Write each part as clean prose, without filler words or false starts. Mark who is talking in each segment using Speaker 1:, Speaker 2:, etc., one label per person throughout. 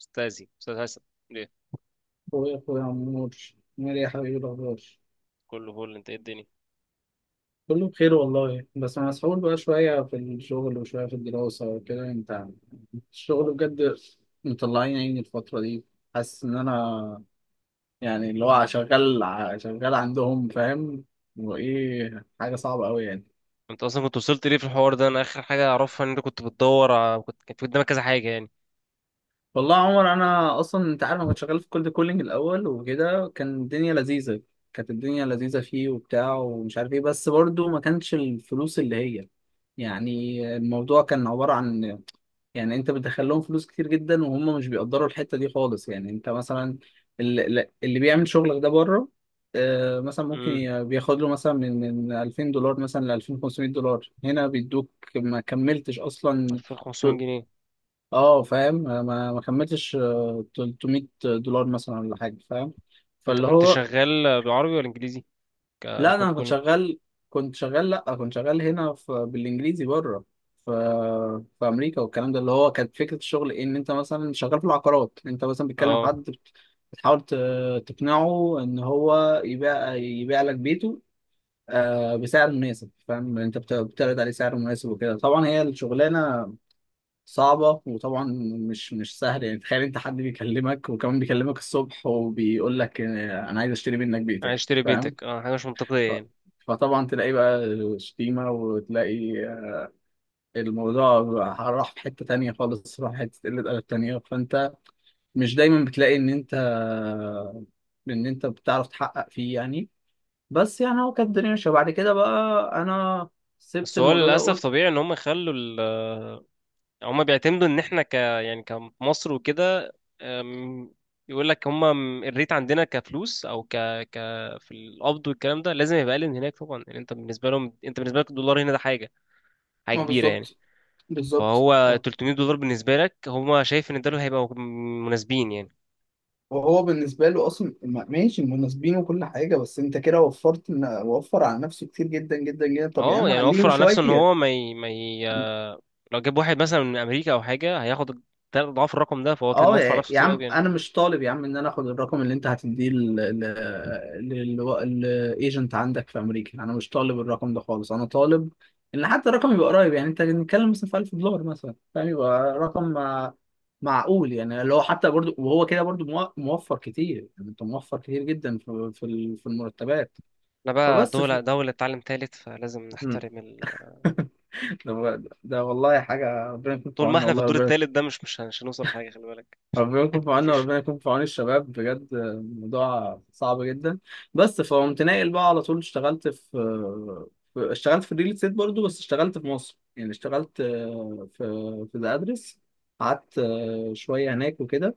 Speaker 1: استاذي استاذ هيثم. ليه؟
Speaker 2: اخويا عمور، عامل ايه يا حبيبي؟ إيه الاخبار؟
Speaker 1: كله فل. انت، ايه الدنيا؟
Speaker 2: كله بخير والله، بس انا مسحول بقى شويه في الشغل وشويه في الدراسه وكده. انت، الشغل بجد مطلعين عيني الفتره دي. حاسس ان انا يعني اللي هو شغال عندهم، فاهم؟ وايه، حاجه صعبه قوي يعني.
Speaker 1: انت اصلا كنت وصلت ليه في الحوار ده؟ انا اخر حاجه اعرفها ان انت كنت بتدور كنت كانت في قدامك كذا حاجه يعني.
Speaker 2: والله يا عمر، انا اصلا انت عارف انا كنت شغال في كولد كولينج الاول وكده، كان الدنيا لذيذه. كانت الدنيا لذيذه فيه وبتاع، ومش عارف ايه، بس برضو ما كانش الفلوس اللي هي، يعني الموضوع كان عباره عن، يعني انت بتدخل لهم فلوس كتير جدا وهم مش بيقدروا الحته دي خالص. يعني انت مثلا، اللي بيعمل شغلك ده بره، مثلا ممكن
Speaker 1: امم
Speaker 2: بياخد له مثلا من 2000 دولار مثلا ل 2500 دولار، هنا بيدوك ما كملتش اصلا.
Speaker 1: 2500 جنيه؟
Speaker 2: اه فاهم، ما كملتش، 300 دولار مثلا ولا حاجه، فاهم؟
Speaker 1: انت
Speaker 2: فاللي
Speaker 1: كنت
Speaker 2: هو،
Speaker 1: شغال بعربي ولا انجليزي؟
Speaker 2: لا
Speaker 1: كولد
Speaker 2: انا كنت
Speaker 1: كولينج.
Speaker 2: شغال، لا، كنت شغال هنا في بالانجليزي بره، في في امريكا والكلام ده. اللي هو كانت فكره الشغل إيه؟ ان انت مثلا شغال في العقارات، انت مثلا بتكلم حد،
Speaker 1: اه،
Speaker 2: بتحاول تقنعه ان هو يبيع لك بيته، بسعر مناسب، فاهم؟ انت بتعرض عليه سعر مناسب وكده. طبعا هي الشغلانه صعبة، وطبعا مش سهل يعني. تخيل انت حد بيكلمك وكمان بيكلمك الصبح وبيقول لك اه، انا عايز اشتري منك
Speaker 1: عايز
Speaker 2: بيتك،
Speaker 1: اشتري
Speaker 2: فاهم؟
Speaker 1: بيتك؟ اه حاجه مش منطقيه
Speaker 2: ف-
Speaker 1: يعني.
Speaker 2: فطبعا تلاقي بقى شتيمة، وتلاقي الموضوع راح في حتة تانية خالص، راح حتة قلة أدب تانية. فانت مش دايما بتلاقي ان انت بتعرف تحقق فيه يعني. بس يعني هو كانت الدنيا ماشية، وبعد كده بقى انا سبت
Speaker 1: بس هو
Speaker 2: الموضوع ده
Speaker 1: للاسف
Speaker 2: وقلت.
Speaker 1: طبيعي ان هم يخلوا، هما بيعتمدوا ان احنا ك يعني كمصر وكده. أم، يقول لك هما الريت عندنا كفلوس او ك ك في القبض والكلام ده لازم يبقى اقل من هناك طبعا. يعني انت بالنسبه لهم، انت بالنسبه لك الدولار هنا ده حاجه، حاجه
Speaker 2: ما
Speaker 1: كبيره يعني.
Speaker 2: بالظبط، بالظبط
Speaker 1: فهو
Speaker 2: آه.
Speaker 1: 300 دولار بالنسبه لك، هما شايف ان دول هيبقوا مناسبين يعني.
Speaker 2: وهو بالنسبة له أصلا ماشي مناسبين وكل حاجة، بس أنت كده وفرت، وفر على نفسه كتير جدا جدا جدا. طب يا
Speaker 1: اه
Speaker 2: عم
Speaker 1: يعني
Speaker 2: عليهم
Speaker 1: وفر على نفسه ان
Speaker 2: شوية.
Speaker 1: هو ما ي... ما ي... لو جاب واحد مثلا من امريكا او حاجه هياخد 3 اضعاف الرقم ده، فهو كده
Speaker 2: أه
Speaker 1: موفر على
Speaker 2: يا
Speaker 1: نفسه
Speaker 2: يا
Speaker 1: كتير قوي
Speaker 2: عم،
Speaker 1: يعني.
Speaker 2: أنا مش طالب يا عم إن أنا آخد الرقم اللي أنت هتديه للإيجنت عندك في أمريكا، أنا مش طالب الرقم ده خالص، أنا طالب إن حتى الرقم يبقى قريب. يعني أنت بنتكلم مثلا في 1000 دولار مثلا، فاهم؟ يبقى رقم، معقول، يعني اللي هو حتى برضو، وهو كده برضو موفر كتير، يعني أنت موفر كتير جدا في المرتبات.
Speaker 1: احنا بقى
Speaker 2: فبس.
Speaker 1: دولة، دولة تعلم تالت، فلازم
Speaker 2: مم.
Speaker 1: نحترم.
Speaker 2: ده والله حاجة ربنا يكون في
Speaker 1: طول ما
Speaker 2: عوننا،
Speaker 1: احنا في
Speaker 2: والله
Speaker 1: الدور
Speaker 2: ربنا،
Speaker 1: التالت ده مش هنوصل لحاجة، خلي بالك.
Speaker 2: ربنا يكون في عوننا
Speaker 1: مفيش.
Speaker 2: وربنا يكون في عون الشباب، بجد الموضوع صعب جدا. بس فقمت ناقل بقى على طول، اشتغلت في، اشتغلت في الريل استيت برضه، بس اشتغلت في مصر، يعني اشتغلت في، في ذا ادرس. قعدت شوية هناك وكده،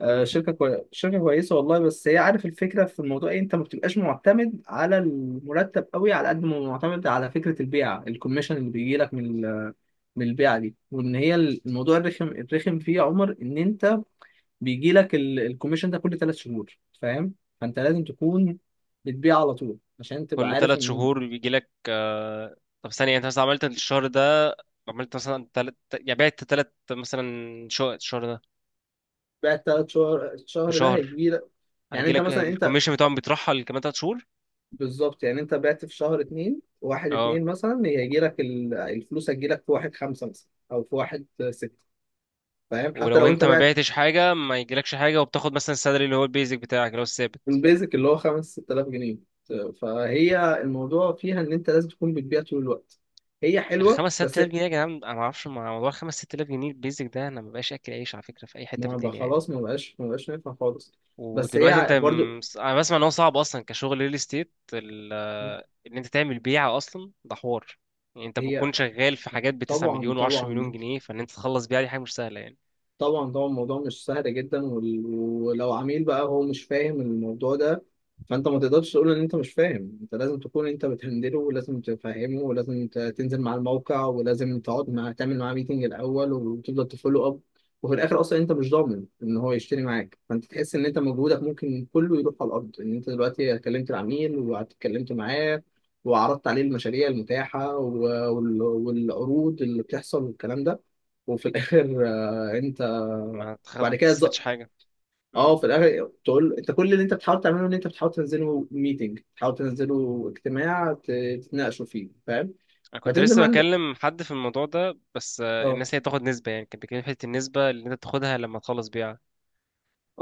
Speaker 1: مم.
Speaker 2: شركة كويسة والله. بس هي عارف الفكرة في الموضوع ايه؟ انت ما بتبقاش معتمد على المرتب قوي على قد ما معتمد على فكرة البيعة، الكوميشن اللي بيجي لك من من البيعة دي. وان هي الموضوع الرخم، الرخم فيه يا عمر ان انت بيجي لك الكوميشن ده كل 3 شهور، فاهم؟ فانت لازم تكون بتبيع على طول عشان تبقى
Speaker 1: كل
Speaker 2: عارف
Speaker 1: ثلاث
Speaker 2: ان
Speaker 1: شهور بيجي لك طب ثانية، انت مثلا عملت الشهر ده، عملت مثلا يعني بعت تلت مثلا شقق الشهر ده،
Speaker 2: بيع الـ 3 شهر،
Speaker 1: في
Speaker 2: الشهر ده
Speaker 1: شهر
Speaker 2: هيجي لك. يعني
Speaker 1: هيجي
Speaker 2: انت
Speaker 1: لك
Speaker 2: مثلا، انت
Speaker 1: الكوميشن بتاعهم؟ بيترحل كمان 3 شهور.
Speaker 2: بالظبط، يعني انت بعت في شهر اتنين، واحد
Speaker 1: اه.
Speaker 2: اتنين مثلا هيجي لك الفلوس، هتجي لك في واحد خمسة مثلا او في واحد ستة، فاهم؟ حتى
Speaker 1: ولو
Speaker 2: لو انت
Speaker 1: انت ما
Speaker 2: بعت.
Speaker 1: بعتش حاجة ما يجيلكش حاجة، وبتاخد مثلا السالري اللي هو البيزك بتاعك اللي هو الثابت
Speaker 2: البيزك اللي هو 5 - 6 آلاف جنيه. فهي الموضوع فيها ان انت لازم تكون بتبيع طول الوقت. هي حلوة
Speaker 1: الخمس ست
Speaker 2: بس
Speaker 1: آلاف جنيه. يا جدعان، انا ما اعرفش مع موضوع الخمس ست آلاف جنيه البيزك ده، انا ما بقاش اكل عيش على فكرة في اي حتة في
Speaker 2: ما بقى
Speaker 1: الدنيا يعني.
Speaker 2: خلاص، ما بقاش نافع خالص. بس
Speaker 1: ودلوقتي انت
Speaker 2: هي برضو،
Speaker 1: انا بسمع ان هو صعب اصلا كشغل ريل استيت، ان انت تعمل بيعه اصلا ده حوار. يعني انت
Speaker 2: هي
Speaker 1: بتكون شغال في حاجات ب 9
Speaker 2: طبعا،
Speaker 1: مليون و10 مليون
Speaker 2: طبعا،
Speaker 1: جنيه، فان انت تخلص بيعه دي حاجه مش سهله يعني.
Speaker 2: طبعا الموضوع مش سهل جدا. ولو عميل بقى هو مش فاهم الموضوع ده، فانت ما تقدرش تقول ان انت مش فاهم، انت لازم تكون انت بتهندله، ولازم تفهمه، ولازم تنزل مع الموقع، ولازم تقعد مع، تعمل معاه ميتنج الاول، وتفضل تفولو اب. وفي الاخر اصلا انت مش ضامن ان هو يشتري معاك، فانت تحس ان انت مجهودك ممكن كله يروح على الارض، ان انت دلوقتي كلمت العميل واتكلمت معاه، وعرضت عليه المشاريع المتاحة، والعروض اللي بتحصل والكلام ده، وفي الاخر.
Speaker 1: ما
Speaker 2: بعد كده
Speaker 1: تستفدش حاجه. مم.
Speaker 2: اه في الاخر تقول انت كل اللي انت بتحاول تعمله ان انت بتحاول تنزله ميتنج، تحاول تنزله اجتماع تتناقشوا فيه، فاهم؟
Speaker 1: انا كنت
Speaker 2: فتنزل
Speaker 1: لسه
Speaker 2: مع ال-
Speaker 1: بكلم حد في الموضوع ده، بس
Speaker 2: اه،
Speaker 1: الناس هي بتاخد نسبه يعني. كان بيتكلم في حته النسبه اللي انت بتاخدها لما تخلص بيعه.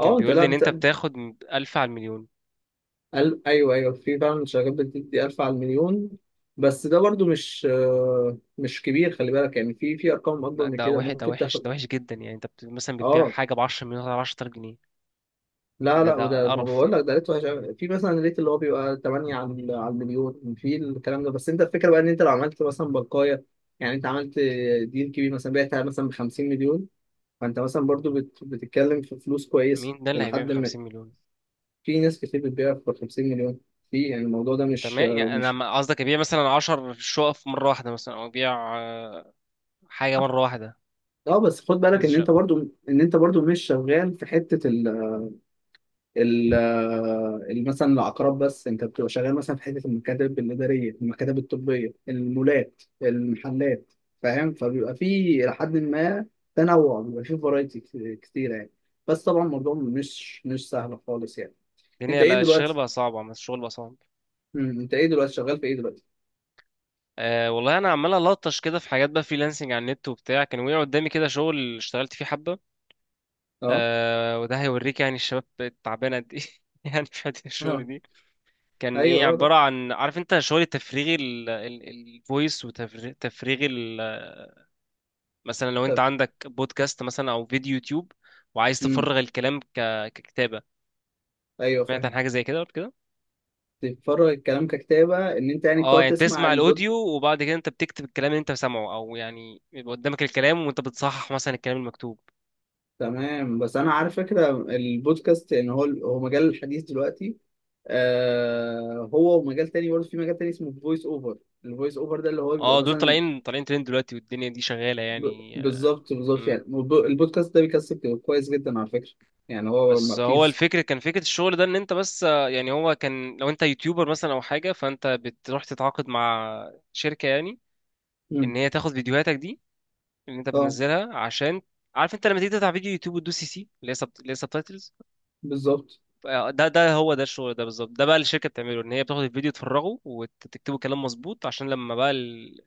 Speaker 1: كان
Speaker 2: انت
Speaker 1: بيقول
Speaker 2: لا
Speaker 1: لي ان انت بتاخد 1000 على المليون.
Speaker 2: ايوه، ايوه، في فعلا شركات بتدي 1000 على المليون. بس ده برضو مش، مش كبير، خلي بالك، يعني في ارقام اكبر
Speaker 1: لا،
Speaker 2: من
Speaker 1: ده
Speaker 2: كده
Speaker 1: وحش، ده
Speaker 2: ممكن
Speaker 1: وحش،
Speaker 2: تاخد.
Speaker 1: ده وحش جدا يعني. انت مثلا بتبيع
Speaker 2: اه،
Speaker 1: حاجه ب 10 مليون على 10000 جنيه،
Speaker 2: لا،
Speaker 1: ده
Speaker 2: لا،
Speaker 1: ده
Speaker 2: وده ما
Speaker 1: قرف
Speaker 2: بقول
Speaker 1: يعني.
Speaker 2: لك ده ريت وحش أوي. في مثلا ريت اللي هو بيبقى 8 على المليون في الكلام ده. بس انت الفكره بقى ان انت لو عملت مثلا بلقايه، يعني انت عملت ديل كبير مثلا، بعتها مثلا ب 50 مليون، فانت مثلا برضو بتتكلم في فلوس كويسه
Speaker 1: مين ده اللي هيبيع ب
Speaker 2: لحد ما.
Speaker 1: 50 مليون؟
Speaker 2: في ناس كتير بتبيع ب 50 مليون. في، يعني الموضوع ده
Speaker 1: انت
Speaker 2: مش
Speaker 1: ما يعني، انا
Speaker 2: مش
Speaker 1: قصدك يبيع مثلا 10 شقق في مره واحده مثلا، او يبيع حاجه مره واحده،
Speaker 2: اه، بس خد بالك
Speaker 1: كذا
Speaker 2: ان انت
Speaker 1: شقه.
Speaker 2: برضو، ان انت برضو مش شغال في حته ال- مثلا العقارات، بس انت بتبقى شغال مثلا في حته المكاتب الاداريه، المكاتب الطبيه، المولات، المحلات، فاهم؟ فبيبقى في لحد ما، تنوع، بيبقى في فرايتي كتيره يعني. بس طبعا الموضوع مش سهل خالص يعني. انت
Speaker 1: الدنيا،
Speaker 2: ايه
Speaker 1: لا الشغل
Speaker 2: دلوقتي؟
Speaker 1: بقى صعب عم، الشغل بقى صعب.
Speaker 2: انت ايه دلوقتي شغال في ايه دلوقتي؟
Speaker 1: أه والله انا عمال الطش كده في حاجات بقى، فريلانسنج على النت وبتاع، كان وقع قدامي كده شغل اشتغلت فيه حبه.
Speaker 2: اه،
Speaker 1: أه وده هيوريك يعني الشباب تعبانه قد ايه. يعني في حته الشغل
Speaker 2: اه،
Speaker 1: دي، كان ايه؟
Speaker 2: ايوه، اه، ده،
Speaker 1: عباره عن، عارف انت، شغل التفريغي، الفويس وتفريغ، مثلا لو انت
Speaker 2: طب،
Speaker 1: عندك بودكاست مثلا او فيديو يوتيوب وعايز
Speaker 2: امم
Speaker 1: تفرغ الكلام ككتابه.
Speaker 2: ايوه،
Speaker 1: سمعت عن
Speaker 2: فاهم،
Speaker 1: حاجه زي كده قبل كده؟
Speaker 2: بتتفرج الكلام ككتابه، ان انت يعني
Speaker 1: اه
Speaker 2: بتقعد
Speaker 1: يعني
Speaker 2: تسمع
Speaker 1: تسمع
Speaker 2: البودكاست.
Speaker 1: الاوديو وبعد كده انت بتكتب الكلام اللي انت سامعه، او يعني يبقى قدامك الكلام وانت بتصحح مثلا الكلام المكتوب.
Speaker 2: تمام. بس انا عارف فكره البودكاست، ان هو مجال الحديث دلوقتي. آه، هو ومجال تاني برضه، في مجال تاني اسمه فويس اوفر. الفويس اوفر ده اللي هو بيبقى
Speaker 1: اه دول
Speaker 2: مثلا
Speaker 1: طالعين طالعين ترند دلوقتي، والدنيا دي شغاله
Speaker 2: ب...
Speaker 1: يعني.
Speaker 2: بالظبط، بالظبط،
Speaker 1: امم.
Speaker 2: يعني البودكاست ده بيكسب كويس جدا على فكره. يعني هو ما
Speaker 1: بس هو
Speaker 2: بتيجي.
Speaker 1: الفكر كان فكره الشغل ده ان انت بس يعني هو كان لو انت يوتيوبر مثلا او حاجه فانت بتروح تتعاقد مع شركه يعني،
Speaker 2: مم.
Speaker 1: ان هي تاخد فيديوهاتك دي اللي انت
Speaker 2: اه،
Speaker 1: بتنزلها. عشان عارف انت لما تيجي تفتح فيديو يوتيوب وتدوس سي سي اللي هي اللي هي سبتايتلز.
Speaker 2: بالظبط.
Speaker 1: ده هو ده الشغل ده بالظبط. ده بقى اللي الشركه بتعمله، ان هي بتاخد الفيديو تفرغه وتكتبه كلام مظبوط عشان لما بقى ال...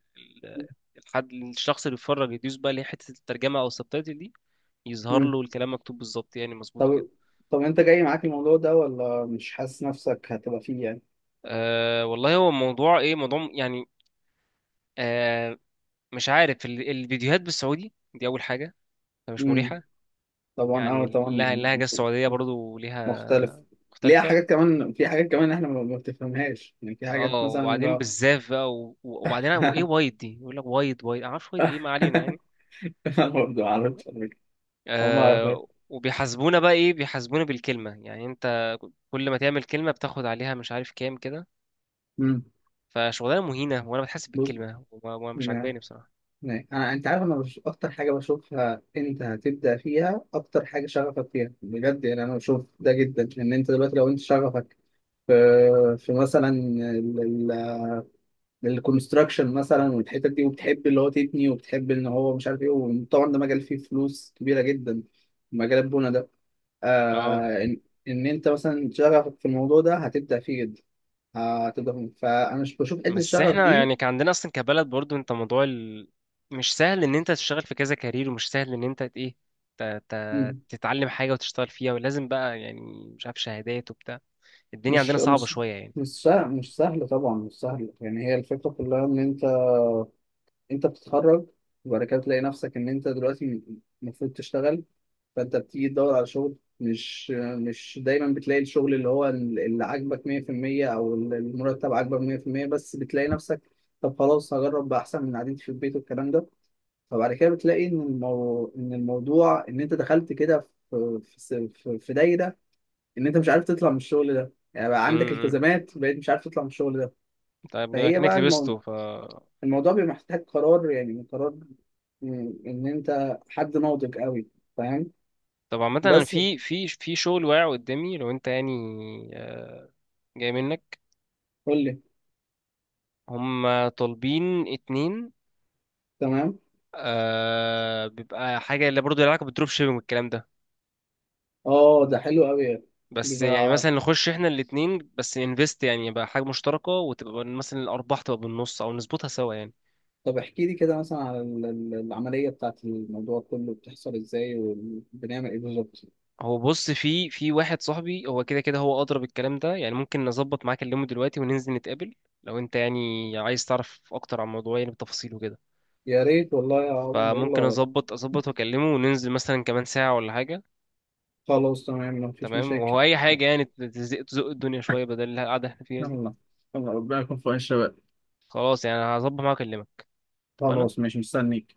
Speaker 1: ال- الحد، الشخص اللي بيتفرج يدوس بقى اللي هي حته الترجمه او السبتايتل دي، يظهر
Speaker 2: مم.
Speaker 1: له الكلام مكتوب بالظبط يعني مظبوط وكده.
Speaker 2: طب، طب، انت جاي معاك الموضوع ده ولا مش حاسس نفسك هتبقى فيه يعني؟
Speaker 1: أه والله هو موضوع ايه، موضوع يعني. أه مش عارف، الفيديوهات بالسعودي دي اول حاجه، فمش
Speaker 2: مم.
Speaker 1: مريحه.
Speaker 2: طبعا،
Speaker 1: يعني
Speaker 2: اه طبعا.
Speaker 1: اللهجه، اللهجة السعوديه برضو
Speaker 2: مختلف.
Speaker 1: ليها
Speaker 2: ليها
Speaker 1: مختلفة.
Speaker 2: حاجات كمان، في حاجات كمان احنا ما بتفهمهاش يعني، في حاجات
Speaker 1: اه،
Speaker 2: مثلا
Speaker 1: وبعدين بالزاف بقى وبعدين وايه، وايد دي يقول لك وايد وايد، انا معرفش وايد ايه، ما علينا يعني.
Speaker 2: انا برضه عارف على فكرة. هما،
Speaker 1: آه وبيحاسبونا بقى ايه، بيحاسبونا بالكلمه يعني. انت كل ما تعمل كلمه بتاخد عليها مش عارف كام كده.
Speaker 2: امم
Speaker 1: فشغلانه مهينه وانا بتحاسب
Speaker 2: بص،
Speaker 1: بالكلمه، مش
Speaker 2: يعني
Speaker 1: عاجباني بصراحه.
Speaker 2: يعني انا، انت عارف انا اكتر حاجه بشوفها انت هتبدا فيها، اكتر حاجه شغفك فيها بجد، يعني انا بشوف ده جدا، ان انت دلوقتي لو انت شغفك في، مثلا للكونستراكشن مثلا والحتت دي، وبتحب اللي هو تبني، وبتحب ان هو مش عارف ايه، وطبعا ده مجال فيه فلوس كبيره جدا، مجال البنى ده.
Speaker 1: اه
Speaker 2: آه ان, إن انت مثلا شغفك في الموضوع ده هتبدع فيه جدا، هتبدع فيه. فانا مش بشوف حته
Speaker 1: بس
Speaker 2: الشغف
Speaker 1: احنا
Speaker 2: دي.
Speaker 1: يعني كان عندنا اصلا كبلد برضو، انت مش سهل ان انت تشتغل في كذا كارير، ومش سهل ان انت ت... ت...
Speaker 2: مم،
Speaker 1: تتعلم حاجه وتشتغل فيها، ولازم بقى يعني مش عارف شهادات وبتاع. الدنيا عندنا
Speaker 2: مش
Speaker 1: صعبه
Speaker 2: مش
Speaker 1: شويه يعني.
Speaker 2: مش سهل، مش سهل طبعا، مش سهل يعني. هي الفكره كلها ان انت بتتخرج، وبعد كده تلاقي نفسك ان انت دلوقتي المفروض تشتغل، فانت بتيجي تدور على شغل، مش دايما بتلاقي الشغل اللي عاجبك 100% او المرتب عاجبك 100%، بس بتلاقي نفسك طب خلاص هجرب بقى احسن من قعدتي في البيت والكلام ده. فبعد كده بتلاقي ان الموضوع ان انت دخلت كده في دايره، ان انت مش عارف تطلع من الشغل ده، يعني بقى عندك
Speaker 1: امم.
Speaker 2: التزامات، بقيت مش عارف تطلع من الشغل ده.
Speaker 1: طيب بما
Speaker 2: فهي
Speaker 1: انك
Speaker 2: بقى
Speaker 1: لبسته ف.
Speaker 2: الموضوع بيبقى محتاج قرار، يعني قرار ان انت حد ناضج قوي، فاهم؟
Speaker 1: طب عامة انا
Speaker 2: بس،
Speaker 1: في في شغل واقع قدامي، لو انت يعني آه، جاي منك.
Speaker 2: قول لي.
Speaker 1: هم طالبين اتنين.
Speaker 2: تمام.
Speaker 1: آه بيبقى حاجة اللي برضه لها علاقة بالدروب شيبينج والكلام ده.
Speaker 2: اه، ده حلو قوي يعني.
Speaker 1: بس يعني
Speaker 2: بيبقى،
Speaker 1: مثلا نخش احنا الاتنين بس انفست، يعني يبقى حاجة مشتركة وتبقى مثلا الأرباح تبقى بالنص، أو نظبطها سوا يعني.
Speaker 2: طب احكي لي كده مثلا على العملية بتاعت الموضوع كله، بتحصل ازاي وبنعمل ايه بالظبط؟
Speaker 1: هو بص، في واحد صاحبي، هو كده كده هو أضرب الكلام ده. يعني ممكن نظبط معاك اليوم دلوقتي وننزل نتقابل، لو انت يعني عايز تعرف أكتر عن الموضوع يعني بتفاصيله كده.
Speaker 2: يا ريت والله يا عمر،
Speaker 1: فممكن
Speaker 2: يلا.
Speaker 1: اظبط واكلمه وننزل مثلا كمان ساعة ولا حاجة.
Speaker 2: خلاص تمام، مفيش
Speaker 1: تمام.
Speaker 2: مشاكل.
Speaker 1: وهو اي حاجة يعني تزق تزق الدنيا شوية بدل القعدة اللي احنا فيها دي.
Speaker 2: يلا، يلا، ربنا يكون في عون الشباب.
Speaker 1: خلاص يعني هظبط معاه واكلمك. اتفقنا؟
Speaker 2: خلاص ماشي، مستنيك.